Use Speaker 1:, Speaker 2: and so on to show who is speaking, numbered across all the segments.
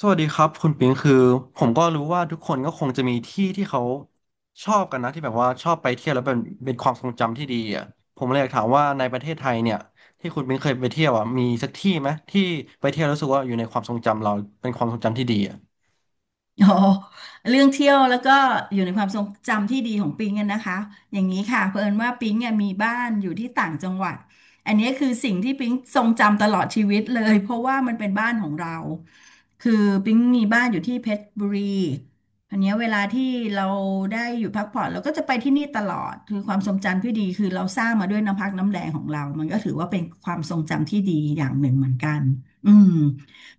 Speaker 1: สวัสดีครับคุณปิงคือผมก็รู้ว่าทุกคนก็คงจะมีที่ที่เขาชอบกันนะที่แบบว่าชอบไปเที่ยวแล้วเป็นความทรงจำที่ดีอ่ะผมเลยอยากถามว่าในประเทศไทยเนี่ยที่คุณปิงเคยไปเที่ยวอ่ะมีสักที่ไหมที่ไปเที่ยวแล้วรู้สึกว่าอยู่ในความทรงจำเราเป็นความทรงจำที่ดีอ่ะ
Speaker 2: โอ้เรื่องเที่ยวแล้วก็อยู่ในความทรงจำที่ดีของปิงกันนะคะอย่างนี้ค่ะเผอิญว่าปิงเนี่ยมีบ้านอยู่ที่ต่างจังหวัดอันนี้คือสิ่งที่ปิงทรงจำตลอดชีวิตเลยเพราะว่ามันเป็นบ้านของเรา คือปิงมีบ้านอยู่ที่เพชรบุรีอันเนี้ยเวลาที่เราได้อยู่พักผ่อนเราก็จะไปที่นี่ตลอดคือความทรงจำที่ดีคือเราสร้างมาด้วยน้ำพักน้ำแรงของเรามันก็ถือว่าเป็นความทรงจำที่ดีอย่างหนึ่งเหมือนกันอืม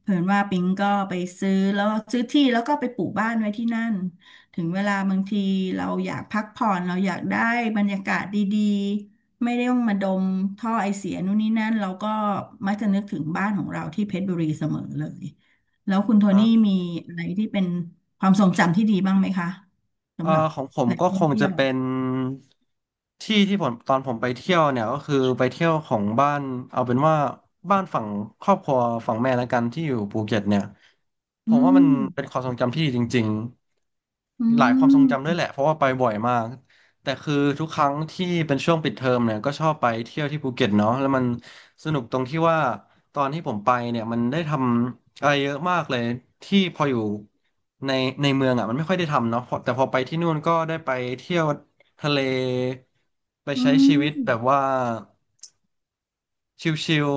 Speaker 2: เผื่อว่าปิงก็ไปซื้อแล้วซื้อที่แล้วก็ไปปลูกบ้านไว้ที่นั่น ถึงเวลาบางทีเราอยากพักผ่อนเราอยากได้บรรยากาศดีๆ ไม่ได้ต้องมาดมท่อไอเสียนู่นนี่นั่นเราก็มักจะนึกถึงบ้านของเราที่เพชรบุรีเสมอเลยแล้วคุณโทนี่มีอะไรที่เป็นความทรงจำที่ดีบ้างไหมคะสำหรับ
Speaker 1: ของผม
Speaker 2: แหล่ง
Speaker 1: ก็
Speaker 2: ท่
Speaker 1: ค
Speaker 2: อง
Speaker 1: ง
Speaker 2: เที่
Speaker 1: จะ
Speaker 2: ยว
Speaker 1: เป็นที่ที่ผมตอนผมไปเที่ยวเนี่ยก็คือไปเที่ยวของบ้านเอาเป็นว่าบ้านฝั่งครอบครัวฝั่งแม่แล้วกันที่อยู่ภูเก็ตเนี่ยผ
Speaker 2: อื
Speaker 1: มว่ามัน
Speaker 2: ม
Speaker 1: เป็นความทรงจำที่ดีจริง
Speaker 2: อื
Speaker 1: หลายความทรงจำด้วย
Speaker 2: ม
Speaker 1: แหละเพราะว่าไปบ่อยมากแต่คือทุกครั้งที่เป็นช่วงปิดเทอมเนี่ยก็ชอบไปเที่ยวที่ภูเก็ตเนาะแล้วมันสนุกตรงที่ว่าตอนที่ผมไปเนี่ยมันได้ทำอะไรเยอะมากเลยที่พออยู่ในในเมืองอ่ะมันไม่ค่อยได้ทำเนาะพอแต่พอไปที่นู่นก็ได้ไปเที่ยวทะเลไป
Speaker 2: อื
Speaker 1: ใช้ชีวิตแบบ
Speaker 2: ม
Speaker 1: ว่า ชิว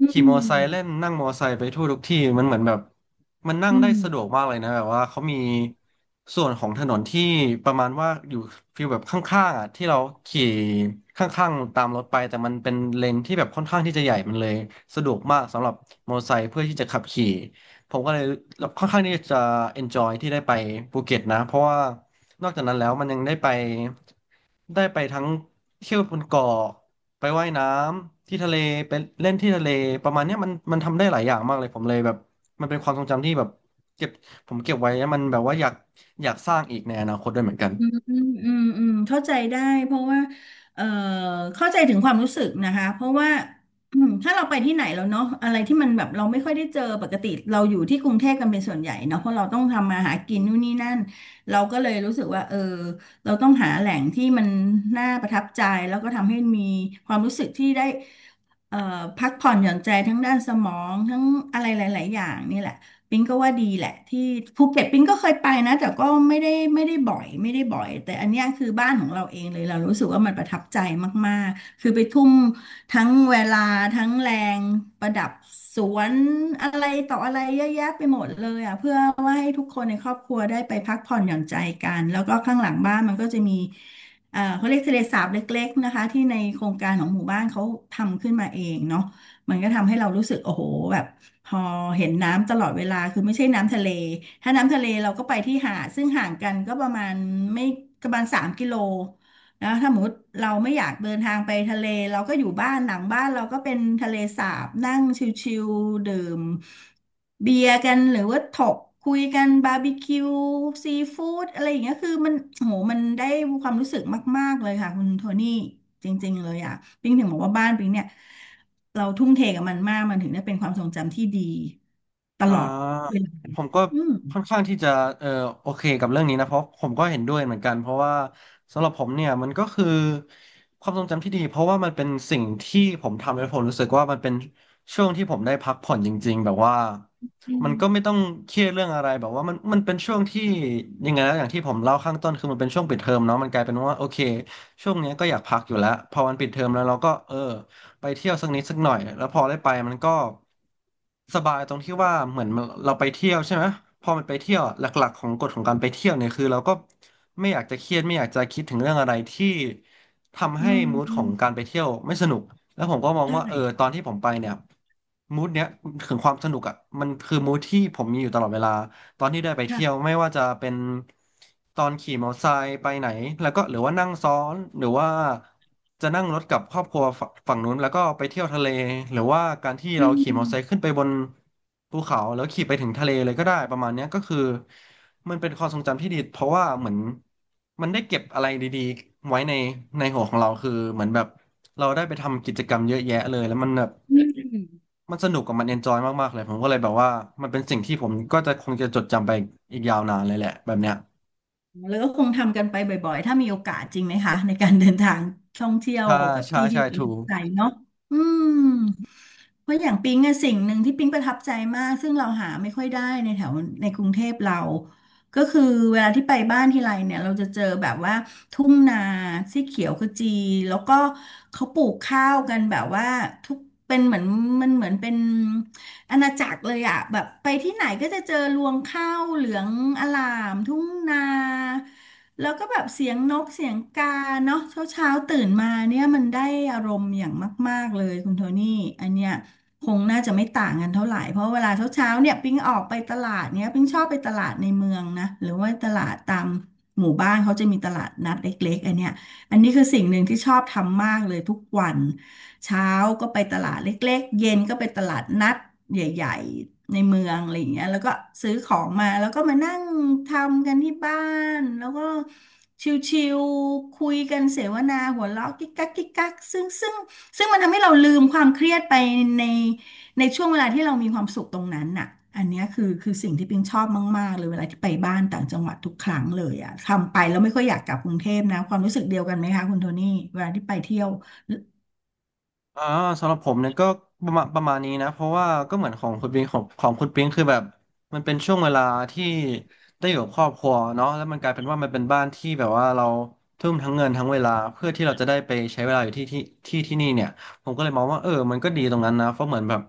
Speaker 2: อื
Speaker 1: ขี่มอไซค์เล่น
Speaker 2: ม
Speaker 1: นั่งมอไซค์ไปทั่วทุกที่มันเหมือนแบบมันนั่ง
Speaker 2: อื
Speaker 1: ได้สะดวก
Speaker 2: ม
Speaker 1: มากเลยนะแบบว่าเขามีส่วนของถนนที่ประมาณว่าอยู่ฟีลแบบข้างๆอ่ะที่เราขี่ข้างๆตามรถไปแต่มันเป็นเลนที่แบบค่อนข้างที่จะใหญ่มันเลยสะดวกมากสำหรับมอไซค์เพื่อที่จะขับขี่ผมก็เลยค่อนข้างที่จะ enjoy ที่ได้ไปภูเก็ตนะเพราะว่านอกจากนั้นแล้วมันยังได้ไปทั้งเที่ยวบนเกาะ ไปว่ายน้ำที่ทะเลไปเล่นที่ทะเลประมาณเนี้ยมันทำได้หลายอย่างมากเลยผมเลยแบบมันเป็นความทรงจำที่แบบเก็บผมเก็บไว้แล้วมันแบบว่าอยากสร้างอีกในอนาคตด้วยเหมือนกัน
Speaker 2: อืมอืมอืมอืมเข้าใจได้เพราะว่าเอ่อเข้าใจถึงความรู้สึกนะคะเพราะว่าอืมถ้าเราไปที่ไหนแล้วเนาะอะไรที่มันแบบเราไม่ค่อยได้เจอปกติเราอยู่ที่กรุงเทพกันเป็นส่วนใหญ่เนาะเพราะเราต้องทำมาหากินนู่นนี่นั่นเราก็เลยรู้สึกว่าเออเราต้องหาแหล่งที่มันน่าประทับใจแล้วก็ทำให้มีความรู้สึกที่ได้เอ่อพักผ่อนหย่อนใจทั้งด้านสมองทั้งอะไรหลายๆอย่างนี่แหละ ปิงก็ว่าดีแหละที่ภูเก็ตปิงก็เคยไปนะแต่ก็ไม่ได้ไม่ได้บ่อยแต่อันเนี้ยคือบ้านของเราเองเลยเรารู้สึกว่ามันประทับใจมากๆคือไปทุ่มทั้งเวลาทั้งแรงประดับสวนอะไรต่ออะไรเยอะแยะไปหมดเลยอ่ะเพื่อว่าให้ทุกคนในครอบครัวได้ไปพักผ่อนหย่อนใจกันแล้วก็ข้างหลังบ้านมันก็จะมีเขาเรียกทะเลสาบเล็กๆนะคะที่ในโครงการของหมู่บ้านเขาทำขึ้นมาเองเนาะมันก็ทำให้เรารู้สึกโอ้โหแบบ พอเห็นน้ำตลอดเวลาคือไม่ใช่น้ำทะเล ถ้าน้ำทะเลเราก็ไปที่หาดซึ่งห่างกันก็ประมาณไม่ประมาณ3 กิโลนะถ้าสมมติเราไม่อยากเดินทางไปทะเลเราก็อยู่บ้านหลังบ้านเราก็เป็นทะเลสาบนั่งชิลๆดื่มเบียร์กันหรือว่าถกคุยกันบาร์บีคิวซีฟู้ดอะไรอย่างเงี้ยคือมันโหมันได้ความรู้สึกมากๆเลยค่ะคุณโทนี่จริงๆเลยอ่ะปิงถึงบอกว่าบ้านปิงเนี่ย เราทุ่มเทกับมันมากมันถึงได้เป็นความทรงจำที่ดีต
Speaker 1: อ่
Speaker 2: ลอด
Speaker 1: า
Speaker 2: เวลา
Speaker 1: ผมก็
Speaker 2: อืม
Speaker 1: ค่อนข้างที่จะเออโอเคกับเรื่องนี้นะเพราะผมก็เห็นด้วยเหมือนกันเพราะว่าสำหรับผมเนี่ยมันก็คือความทรงจำที่ดีเพราะว่ามันเป็นสิ่งที่ผมทำแล้วผมรู้สึกว่ามันเป็นช่วงที่ผมได้พักผ่อนจริงๆแบบว่า
Speaker 2: อื
Speaker 1: มันก็
Speaker 2: ม
Speaker 1: ไม่ต้องเครียดเรื่องอะไรแบบว่ามันเป็นช่วงที่ยังไงนะอย่างที่ผมเล่าข้างต้นคือมันเป็นช่วงปิดเทอมเนาะมันกลายเป็นว่าโอเคช่วงเนี้ยก็อยากพักอยู่แล้วพอมันปิดเทอมแล้วเราก็เออ ไปเที่ยวสักนิดสักหน่อยแล้วพอได้ไปมันก็สบายตรงที่ว่าเหมือนเราไปเที่ยวใช่ไหมพอมันไปเที่ยวอะหลักๆของกฎของการไปเที่ยวเนี่ยคือเราก็ไม่อยากจะเครียดไม่อยากจะคิดถึงเรื่องอะไรที่ทำ
Speaker 2: อื
Speaker 1: ให้มูดของการ
Speaker 2: ม
Speaker 1: ไปเที่ยวไม่สนุกแล้วผมก็มอง
Speaker 2: ใช่
Speaker 1: ว่าเออตอนที่ผมไปเนี่ยมูดเนี้ยถึงความสนุกอ่ะมันคือมูดที่ผมมีอยู่ตลอดเวลา ตอนที่ได้ไปเที่ยว
Speaker 2: ค่ะ
Speaker 1: ไม่ว่าจะเป็นตอนขี่มอเตอร์ไซค์ไปไหนแล้วก็หรือว่านั่งซ้อนหรือว่าจะนั่งรถกับครอบครัวฝั่งนู้นแล้วก็ไปเที่ยวทะเลหรือว่าการที่
Speaker 2: อื
Speaker 1: เราขี่มอเตอ
Speaker 2: ม
Speaker 1: ร์ไซค์ขึ้นไปบนภูเขาแล้วขี่ไปถึงทะเลเลยก็ได้ประมาณเนี้ยก็คือมันเป็นความทรงจำที่ดีเพราะว่าเหมือนมันได้เก็บอะไรดีๆไว้ในหัวของเราคือเหมือนแบบเราได้ไปทำกิจกรรมเยอะแยะเลยแล้วมันแบบ
Speaker 2: อืม
Speaker 1: มันสนุกกับมันเอนจอยมากๆเลยผมก็เลยแบบว่ามันเป็นสิ่งที่ผมก็จะคงจะจดจำไปอีกยาวนานเลยแหละแบบเนี้ย
Speaker 2: แล้วก็คงทำกันไปบ่อยๆ ถ้ามีโอกาสจริงไหมคะในการเดินทางท่องเที่ยว
Speaker 1: ใช่
Speaker 2: กับ
Speaker 1: ใช่
Speaker 2: ที่ที่
Speaker 1: ใช่
Speaker 2: เราป
Speaker 1: ถู
Speaker 2: ระทับใจ
Speaker 1: ก
Speaker 2: เนาะอืม เพราะอย่างปิ๊งอะสิ่งหนึ่งที่ปิ๊งประทับใจมากซึ่งเราหาไม่ค่อยได้ในแถวในกรุงเทพเราก็คือเวลาที่ไปบ้านทีไรเนี่ยเราจะเจอแบบว่าทุ่งนาสีเขียวขจีแล้วก็เขาปลูกข้าวกันแบบว่าทุกเป็นเหมือนมันเหมือนเป็นอาณาจักรเลยอะแบบไปที่ไหนก็จะเจอรวงข้าวเหลืองอลามทุ่งนาแล้วก็แบบเสียงนกเสียงกาเนาะเช้าเช้าตื่นมาเนี่ยมันได้อารมณ์อย่างมากๆเลยคุณโทนี่อันเนี้ย คงน่าจะไม่ต่างกันเท่าไหร่ เพราะเวลาเช้าเช้าเนี่ยปิ๊งออกไปตลาดเนี่ยปิ๊งชอบไปตลาดในเมืองนะหรือว่าตลาดตามหมู่บ้านเขาจะมีตลาดนัดเล็กๆอันเนี้ยอันนี้คือสิ่งหนึ่งที่ชอบทำมากเลยทุกวันเช้าก็ไปตลาดเล็กๆเย็นก็ไปตลาดนัดใหญ่ๆในเมืองอะไรอย่างเงี้ยแล้วก็ซื้อของมาแล้วก็มานั่งทำกันที่บ้านแล้วก็ชิวๆคุยกันเสวนาหัวเราะกิ๊กกักกิ๊กกักซึ่ง ซึ่งมันทำให้เราลืมความเครียดไปในในช่วงเวลาที่เรามีความสุขตรงนั้นน่ะอันเนี้ยคือสิ่งที่ปิงชอบมากๆเลยเวลาที่ไปบ้านต่างจังหวัดทุกครั้งเลยอ่ะทำไปแล้วไม่ค่อยอยากกลับกรุงเทพนะความรู้สึกเดียวกันไหมคะคุณโทนี่เวลาที่ไปเที่ยว
Speaker 1: อ่าสำหรับผมเนี่ยก็ประมาณนี้นะเพราะว่าก็เหมือนของคุณปิงของคุณปิงคือแบบมันเป็นช่วงเวลาที่ได้อยู่กับครอบครัวเนาะแล้วมันกลายเป็นว่ามันเป็นบ้านที่แบบว่าเราทุ่มทั้งเงินทั้งเวลาเพื่อที่เราจะได้ไปใช้เวลาอยู่ที่นี่เนี่ย ผมก็เลยมองว่าเออมันก็ดีตรงนั้นนะเพราะเหมือนแบบ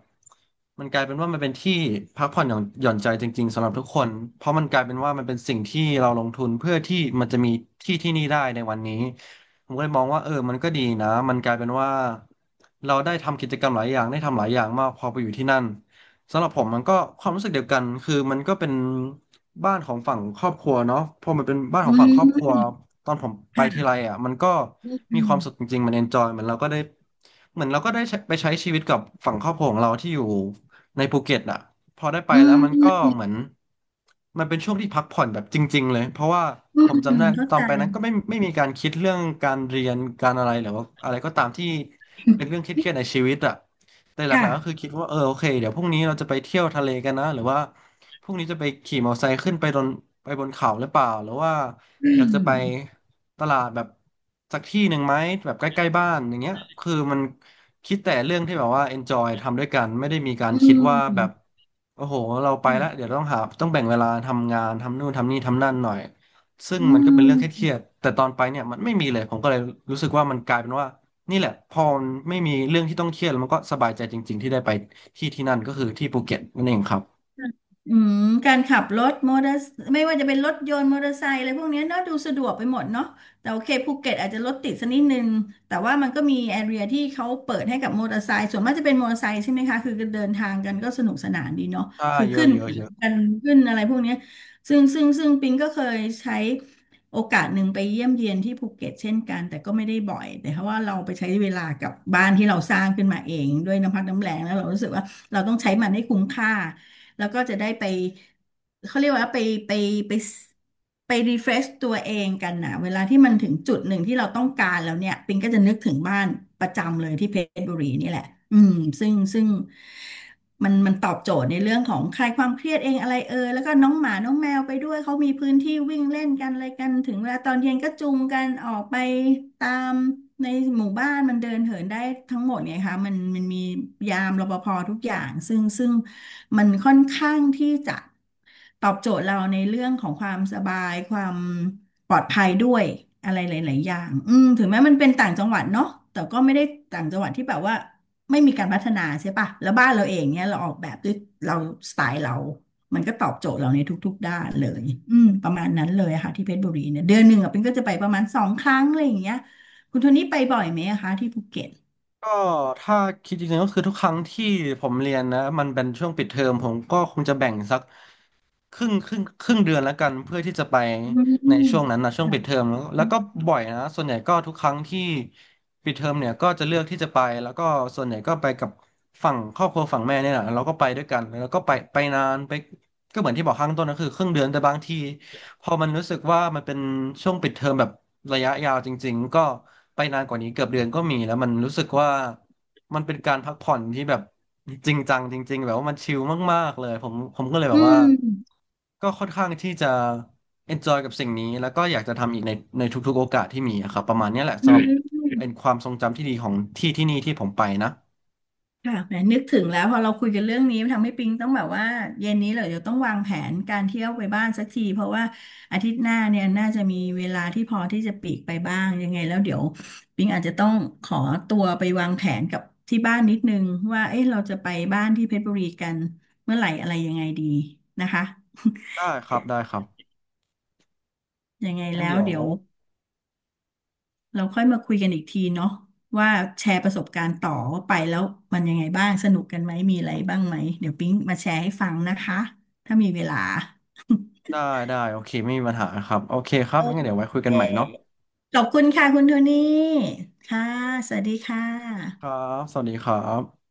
Speaker 1: มันกลายเป็นว่ามันเป็นที่พักผ่อนหย่อนใจจริงๆสำหรับทุกคนเพราะมันกลายเป็นว่ามันเป็นสิ่งที่เราลงทุนเพื่อที่มันจะมีที่ที่นี่ได้ในวันนี้ผมก็เลยมองว่าเออมันก็ดีนะมันกลายเป็นว่าเราได้ทำกิจกรรมหลายอย่างได้ทำหลายอย่างมากพอไปอยู่ที่นั่น สำหรับผมมันก็ความรู้สึกเดียวกันคือมันก็เป็นบ้านของฝั่งครอบครัวเนาะพอมันเป็นบ้านข
Speaker 2: อื
Speaker 1: องฝั่งครอบครัว
Speaker 2: ม
Speaker 1: ตอนผมไปที
Speaker 2: ค่ะ
Speaker 1: ไรอ่ะมันก็
Speaker 2: อ
Speaker 1: มี
Speaker 2: ื
Speaker 1: ความสุขจ
Speaker 2: ม
Speaker 1: ริงๆมันเอนจอยเหมือนเราก็ได้เหมือนเราก็ได้ใช้ไปใช้ชีวิตกับฝั่งครอบครัวของเราที่อยู่ในภูเก็ตอ่ะพอได้ไป
Speaker 2: อื
Speaker 1: แล้ว
Speaker 2: ม
Speaker 1: มันก็เหมือนมันเป็นช่วงที่พักผ่อนแบบจริงๆเลย เพราะว่า
Speaker 2: อื
Speaker 1: ผ
Speaker 2: ม
Speaker 1: ม
Speaker 2: อื
Speaker 1: จำ
Speaker 2: ม
Speaker 1: ได้
Speaker 2: เข้า
Speaker 1: ตอ
Speaker 2: ใจ
Speaker 1: นไปนั้นก็ไม่มีการคิดเรื่องการเรียนการอะไรหรือว่าอะไรก็ตามที่เป็นเรื่องเครียดๆในชีวิตอ่ะ แต่หลักๆก็คือ
Speaker 2: ค่ะ
Speaker 1: คิดว่าเออโอเคเดี๋ยวพรุ่งนี้เราจะไปเที่ยวทะเลกันนะหรือว่าพรุ่งนี้จะไปขี่มอเตอร์ไซค์ขึ้นไปบนเขาหรือเปล่าหรือว่า
Speaker 2: อื
Speaker 1: อยาก
Speaker 2: ม
Speaker 1: จะไปตลาดแบบสักที่หนึ่งไหมแบบใกล้ๆบ้านอย่างเงี้ยคือมันคิดแต่เรื่องที่แบบว่า enjoy ทำด้วยกันไม่ได้มีการ
Speaker 2: อื
Speaker 1: คิดว่าแบบ
Speaker 2: ม
Speaker 1: โอ้โหเราไปแล้วเดี๋ยวต้องหาต้องแบ่งเวลาทำงานทำนู่นทำนี่ทำนั่นหน่อยซึ่ง
Speaker 2: อื
Speaker 1: มันก็เป็นเรื่องเค
Speaker 2: ม
Speaker 1: รียดๆแต่ตอนไปเนี่ยมันไม่มีเลยผมก็เลยรู้สึกว่ามันกลายเป็นว่า นี่แหละพอมันไม่มีเรื่องที่ต้องเครียดแล้วมันก็สบายใจจริงๆที่ได้ไปที่ที่นั่นก็คือที่ภูเก็ตนั่นเองครับ
Speaker 2: อืมการขับรถมอเตอร์ไม่ว่าจะเป็นรถยนต์มอเตอร์ไซค์อะไรพวกเนี้ยเนาะดูสะดวกไปหมดเนาะแต่โอเคภูเก็ตอาจจะรถติดสักนิดนึงแต่ว่ามันก็มีแอเรียที่เขาเปิดให้กับมอเตอร์ไซค์ส่วนมากจะเป็นมอเตอร์ไซค์ใช่ไหมคะคือเดินทางกันก็สนุกสนานดีเนาะ
Speaker 1: ใช่
Speaker 2: คือ
Speaker 1: เยอะ
Speaker 2: ขึ้น
Speaker 1: เยอะเยอะ
Speaker 2: กันขึ้นอะไรพวกเนี้ยซึ่งปิงก็เคยใช้โอกาสหนึ่งไปเยี่ยมเยียนที่ภูเก็ตเช่นกันแต่ก็ไม่ได้บ่อยแต่เพราะว่าเราไปใช้เวลากับบ้านที่เราสร้างขึ้นมาเองด้วยน้ำพักน้ำแรงแล้วเรารู้สึกว่าเราต้องใช้มันให้คุ้มค่า แล้วก็จะได้ไปเขาเรียกว่าไปไปไปไปรีเฟรชตัวเองกันนะเวลาที่มันถึงจุดหนึ่งที่เราต้องการแล้วเนี่ยปิงก็จะนึกถึงบ้านประจำเลยที่เพชรบุรีนี่แหละอืมซึ่ง มันตอบโจทย์ในเรื่องของคลายความเครียดเองอะไรเอยแล้วก็น้องหมาน้องแมวไปด้วยเขามีพื้นที่วิ่งเล่นกันอะไรกันถึงเวลาตอนเย็นก็จูงกันออกไปตามในหมู่บ้านมันเดินเหินได้ทั้งหมดไงคะมันมียามรปภทุกอย่างซึ่งมันค่อนข้างที่จะตอบโจทย์เราในเรื่องของความสบายความปลอดภัยด้วยอะไรหลายๆอย่างอืมถึงแม้มันเป็นต่างจังหวัดเนาะแต่ก็ไม่ได้ต่างจังหวัดที่แบบว่า ไม่มีการพัฒนาใช่ปะแล้วบ้านเราเองเนี่ยเราออกแบบด้วยเราสไตล์เรา มันก็ตอบโจทย์เราในทุกๆด้านเลยอืมประมาณนั้นเลยอะค่ะที่เพชรบุรีเนี่ยเดือนหนึ่งอะเป็นก็จะไปประมาณ2 ครั้งอะไรอย่างเงี้ยคุณโทนี่ไปบ่อยไหมอะคะที่ภูเก็ต
Speaker 1: ก็ถ้าคิดจริงๆก็คือทุกครั้งที่ผมเรียนนะมันเป็นช่วงปิดเทอมผมก็คงจะแบ่งสัก ครึ่งเดือนแล้วกันเพื่อที่จะไป
Speaker 2: อื
Speaker 1: ในช่วงนั้
Speaker 2: ม
Speaker 1: นนะช่วงปิดเทอมแล้วก็บ่อยนะส่วนใหญ่ก็ทุกครั้งที่ปิดเทอมเนี่ยก็จะเลือกที่จะไปแล้วก็ส่วนใหญ่ก็ไปกับฝั่งครอบครัวฝั่งแม่เนี่ยแหละเราก็ไปด้วยกันแล้วก็ไปนานไปก็เหมือนที่บอกข้างต้นก็คือครึ่งเดือนแต่บางทีพอมันรู้สึกว่ามันเป็นช่วงปิดเทอมแบบระยะยาวจริงๆก็ไปนานกว่านี้เกือบเดือนก็มีแล้วมันรู้สึกว่า มันเป็นการพักผ่อนที่แบบจริงจังจริงๆแบบว่ามันชิลมากๆเลยผมก็เลยแบ
Speaker 2: อื
Speaker 1: บว่า
Speaker 2: ม
Speaker 1: ก็ค่อนข้างที่จะ enjoy กับสิ่งนี้แล้วก็อยากจะทำอีกในทุกๆโอกาสที่มีอะครับประมาณเนี้ยแหละ
Speaker 2: อื
Speaker 1: สำหรับ
Speaker 2: ม
Speaker 1: เป็นความทรงจำที่ดีของที่ที่นี่ที่ผมไปนะ
Speaker 2: ค่ะแหมนึกถึงแล้วพอเราคุยกันเรื่องนี้ทำให้ปิงต้องแบบว่าเย็นนี้เลยเดี๋ยวต้องวางแผนการเที่ยวไปบ้านสักทีเพราะว่าอาทิตย์หน้าเนี่ยน่าจะมีเวลาที่พอที่จะปลีกไปบ้างยังไงแล้วเดี๋ยวปิงอาจจะต้องขอตัวไปวางแผนกับที่บ้านนิดนึงว่าเอ๊ะเราจะไปบ้านที่เพชรบุรีกันเมื่อไหร่อะไรยังไงดีนะคะ
Speaker 1: ได้ครับ
Speaker 2: ยังไง
Speaker 1: งั้น
Speaker 2: แล้ว
Speaker 1: เดี๋ยว
Speaker 2: เดี๋ยว เราค่อยมาคุยกันอีกทีเนาะว่าแชร์ประสบการณ์ต่อว่าไปแล้วมันยังไงบ้างสนุกกันไหมมีอะไรบ้างไหมเดี๋ยวปิ๊งมาแชร์ให้ฟังนะคะถ้ามีเวลา
Speaker 1: ได้ได้โอเคไม่มีปัญหาครับโอเคครับ
Speaker 2: โอ
Speaker 1: งั้นเดี๋ยวไว้คุย
Speaker 2: เ
Speaker 1: กันใหม่เนาะ
Speaker 2: คขอบคุณค่ะคุณโทนี่ค่ะสวัสดีค่
Speaker 1: ครั
Speaker 2: ะ
Speaker 1: บสวัสดีครับ